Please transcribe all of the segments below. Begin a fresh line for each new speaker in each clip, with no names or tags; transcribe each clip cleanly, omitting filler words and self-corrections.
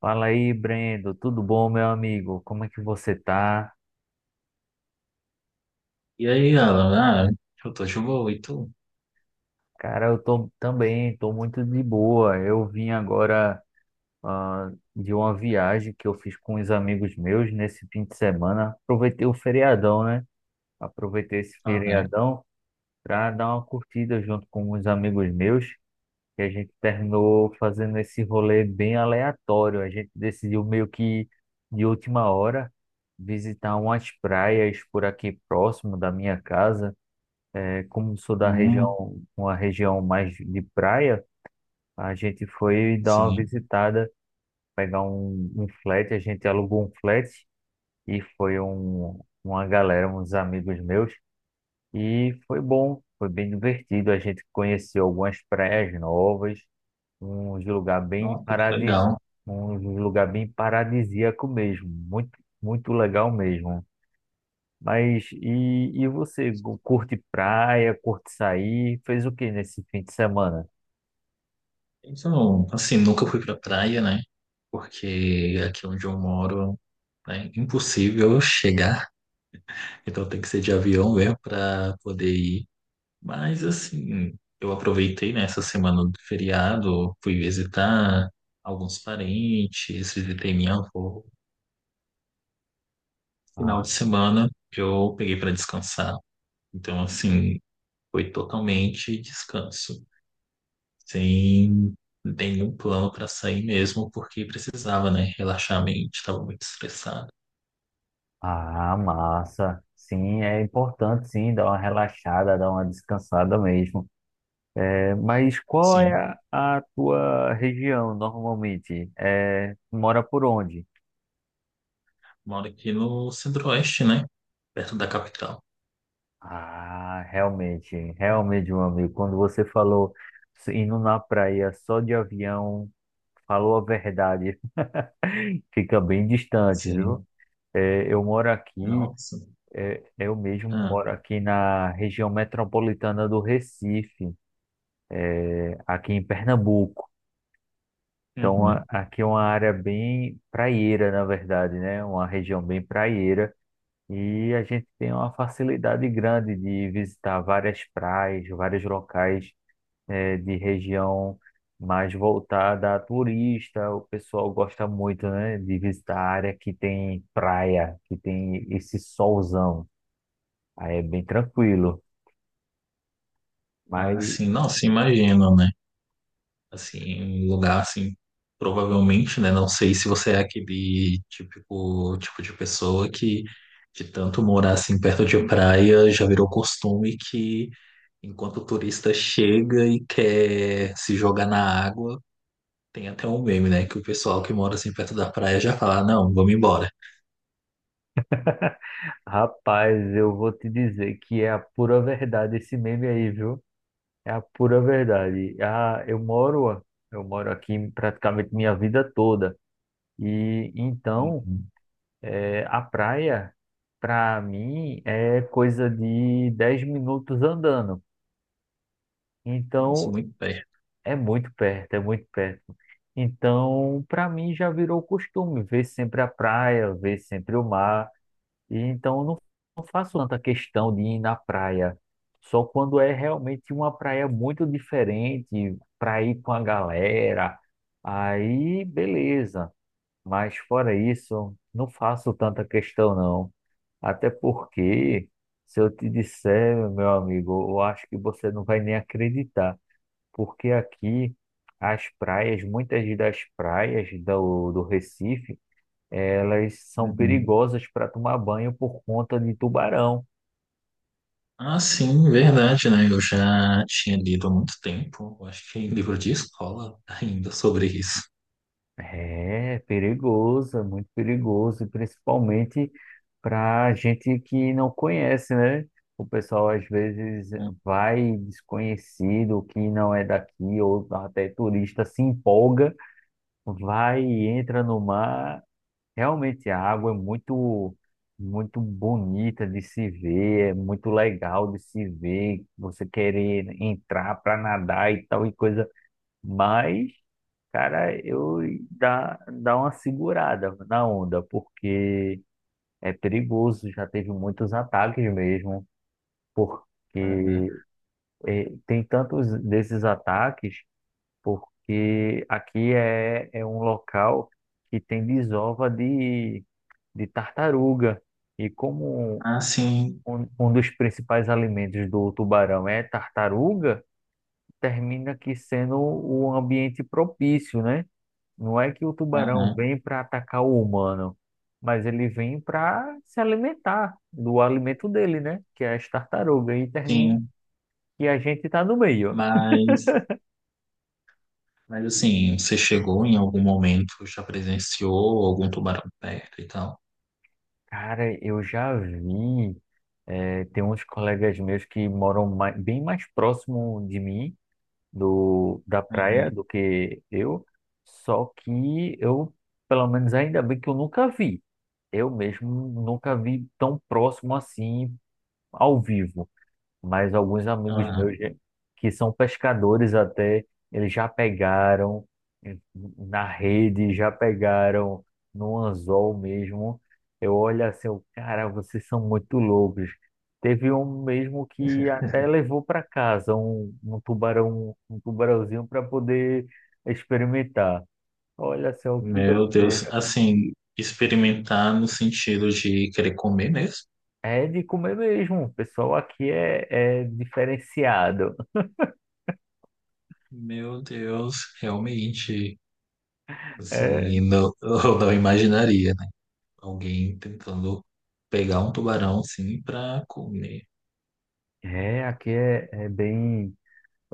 Fala aí, Brendo. Tudo bom, meu amigo? Como é que você tá?
E aí, Alan? Eu tô de boa, e tu?
Cara, eu tô também, tô muito de boa. Eu vim agora de uma viagem que eu fiz com uns amigos meus nesse fim de semana. Aproveitei o feriadão, né? Aproveitei esse
Ah, né?
feriadão para dar uma curtida junto com uns amigos meus. E a gente terminou fazendo esse rolê bem aleatório. A gente decidiu meio que de última hora visitar umas praias por aqui próximo da minha casa. É, como sou da
Hum,
região, uma região mais de praia, a gente foi dar uma
sim.
visitada, pegar um flat, a gente alugou um flat e foi uma galera, uns amigos meus, e foi bom, foi bem divertido. A gente conheceu algumas praias novas, uns lugar bem
Nossa, que
paradis,
legal.
um lugar bem paradisíaco mesmo, muito, muito legal mesmo. Mas e você curte praia, curte sair? Fez o que nesse fim de semana?
Então, assim, nunca fui pra praia, né? Porque aqui onde eu moro é impossível eu chegar. Então tem que ser de avião mesmo pra poder ir. Mas, assim, eu aproveitei, né, essa semana do feriado, fui visitar alguns parentes, visitei minha avó. Final
Ah,
de semana eu peguei pra descansar. Então, assim. Foi totalmente descanso, sem nenhum plano para sair mesmo, porque precisava, né? Relaxar a mente, estava muito estressado.
ah, massa. Sim, é importante sim dar uma relaxada, dar uma descansada mesmo. É, mas qual é
Sim,
a tua região normalmente? É, tu mora por onde?
moro aqui no Centro-Oeste, né? Perto da capital.
Ah, realmente, realmente, meu amigo, quando você falou indo na praia só de avião, falou a verdade, fica bem distante, viu?
Sim,
É, eu moro aqui.
nossa.
É, eu mesmo
Ah,
moro aqui na região metropolitana do Recife, aqui em Pernambuco. Então,
uhum.
aqui é uma área bem praieira, na verdade, né? Uma região bem praieira. E a gente tem uma facilidade grande de visitar várias praias, vários locais, de região mais voltada a turista. O pessoal gosta muito, né, de visitar a área que tem praia, que tem esse solzão. Aí é bem tranquilo.
Ah,
Mas
sim, nossa, imagino, né? Assim, um lugar assim, provavelmente, né? Não sei se você é aquele típico tipo de pessoa que, de tanto morar assim perto de praia, já virou costume que enquanto o turista chega e quer se jogar na água, tem até um meme, né? Que o pessoal que mora assim perto da praia já fala, não, vamos embora.
rapaz, eu vou te dizer que é a pura verdade esse meme aí, viu? É a pura verdade. Ah, eu moro aqui praticamente minha vida toda. E então,
Uhum.
a praia, para mim, é coisa de 10 minutos andando.
Nossa,
Então,
muito perto.
é muito perto, é muito perto. Então, para mim já virou costume ver sempre a praia, ver sempre o mar. E então eu não faço tanta questão de ir na praia, só quando é realmente uma praia muito diferente para ir com a galera. Aí, beleza. Mas fora isso, não faço tanta questão não. Até porque, se eu te disser, meu amigo, eu acho que você não vai nem acreditar, porque aqui as praias, muitas das praias do Recife elas são
Uhum.
perigosas para tomar banho por conta de tubarão.
Ah, sim, verdade, né? Eu já tinha lido há muito tempo, eu acho que em livro de escola ainda sobre isso.
É perigoso, é muito perigoso, e principalmente para gente que não conhece, né? O pessoal às vezes vai desconhecido, que não é daqui, ou até turista se empolga, vai e entra no mar. Realmente a água é muito muito bonita de se ver, é muito legal de se ver, você querer entrar para nadar e tal e coisa, mas cara, eu dá uma segurada na onda, porque é perigoso, já teve muitos ataques mesmo,
Uhum.
porque tem tantos desses ataques, porque aqui é um local que tem desova de tartaruga. E como
Ah, sim,
um dos principais alimentos do tubarão é tartaruga, termina aqui sendo o ambiente propício, né? Não é que o tubarão
uhum.
vem para atacar o humano, mas ele vem para se alimentar do alimento dele, né? Que é as tartarugas. E termina
Sim,
que a gente está no meio.
mas, mas assim, você chegou em algum momento, já presenciou algum tubarão perto e tal?
Cara, eu já vi. Eh, tem uns colegas meus que moram bem mais próximo de mim da praia
Uhum.
do que eu, só que eu, pelo menos ainda bem que eu nunca vi. Eu mesmo nunca vi tão próximo assim ao vivo mas alguns amigos meus que são pescadores até, eles já pegaram eh, na rede, já pegaram no anzol mesmo. Eu olho assim, eu, cara, vocês são muito loucos. Teve um mesmo que até levou para casa um tubarão, um tubarãozinho para poder experimentar. Olha só que
Meu Deus,
doideira.
assim, experimentar no sentido de querer comer mesmo?
É de comer mesmo. O pessoal aqui é, é diferenciado.
Meu Deus, realmente,
É,
assim, não, eu não imaginaria, né? Alguém tentando pegar um tubarão, assim, pra comer.
é, aqui é bem.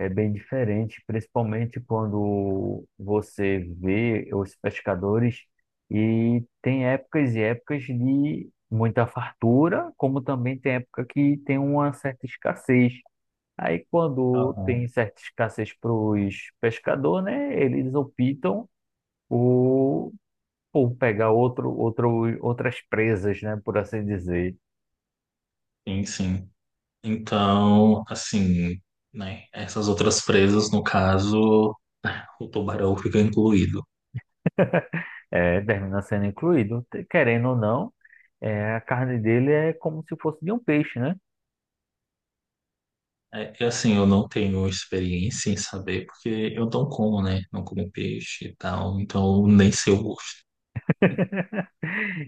É bem diferente, principalmente quando você vê os pescadores e tem épocas e épocas de muita fartura, como também tem época que tem uma certa escassez. Aí quando
Aham.
tem certa escassez para os pescadores, né, eles optam por, por pegar outras presas, né, por assim dizer.
Sim, sim. Então, assim, né? Essas outras presas, no caso, o tubarão fica incluído.
É, termina sendo incluído, querendo ou não, é, a carne dele é como se fosse de um peixe, né?
É, que assim, eu não tenho experiência em saber, porque eu não como, né? Não como peixe e tal, então nem sei o gosto.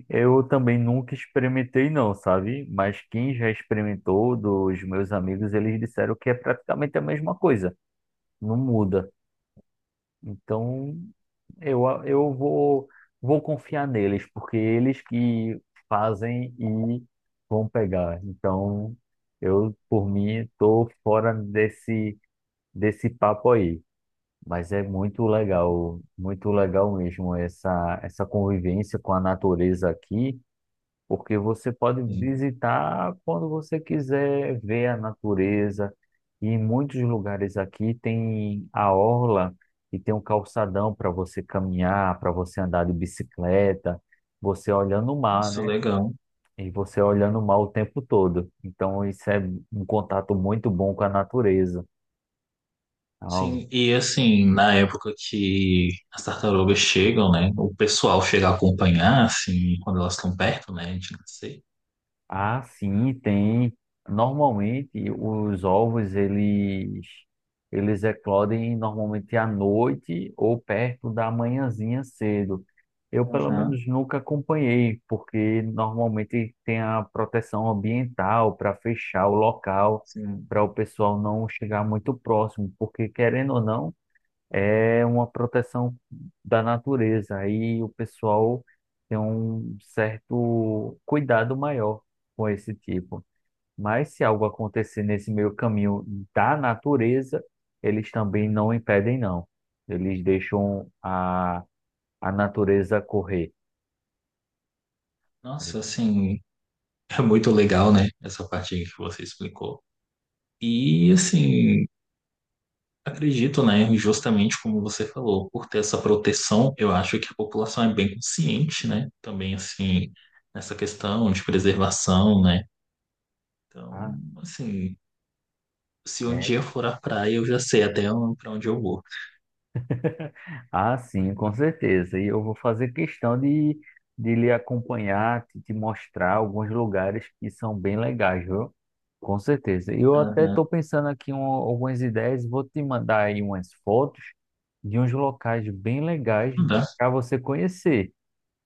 Eu também nunca experimentei não, sabe? Mas quem já experimentou dos meus amigos, eles disseram que é praticamente a mesma coisa, não muda. Então, eu vou confiar neles, porque eles que fazem e vão pegar. Então, eu, por mim, tô fora desse papo aí. Mas é muito legal mesmo essa convivência com a natureza aqui porque você pode
Sim.
visitar quando você quiser ver a natureza. E em muitos lugares aqui tem a orla e tem um calçadão para você caminhar, para você andar de bicicleta, você olhando o mar,
Nossa,
né?
legal.
E você olhando o mar o tempo todo. Então isso é um contato muito bom com a natureza. Então,
Sim, e assim, na época que as tartarugas chegam, né? O pessoal chega a acompanhar, assim, quando elas estão perto, né? A gente não sei.
ah, sim, tem. Normalmente os ovos eles eclodem normalmente à noite ou perto da manhãzinha cedo. Eu pelo
Aham,
menos nunca acompanhei, porque normalmente tem a proteção ambiental para fechar o local,
sim.
para o pessoal não chegar muito próximo, porque querendo ou não é uma proteção da natureza. Aí o pessoal tem um certo cuidado maior com esse tipo. Mas se algo acontecer nesse meio caminho da natureza, eles também não impedem, não. Eles deixam a natureza correr.
Nossa, assim, é muito legal, né? Essa parte aí que você explicou. E assim. Acredito, né? E justamente como você falou, por ter essa proteção, eu acho que a população é bem consciente, né? Também, assim, nessa questão de preservação, né? Então,
Ah,
assim, se um
é.
dia eu for à praia, eu já sei até para onde eu vou.
Ah, sim, com certeza. E eu vou fazer questão de lhe acompanhar, te mostrar alguns lugares que são bem legais, viu? Com certeza. E eu até
Aham.
estou pensando aqui em algumas ideias, vou te mandar aí umas fotos de uns locais bem legais
Tá.
para você conhecer.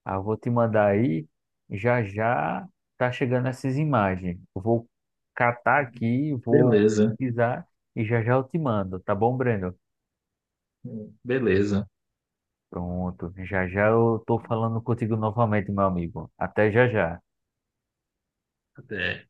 Ah, vou te mandar aí, já já tá chegando essas imagens. Eu vou catar aqui, vou
Beleza.
pesquisar e já já eu te mando, tá bom, Breno?
Beleza.
Pronto, já já eu tô falando contigo novamente, meu amigo. Até já já.
Até.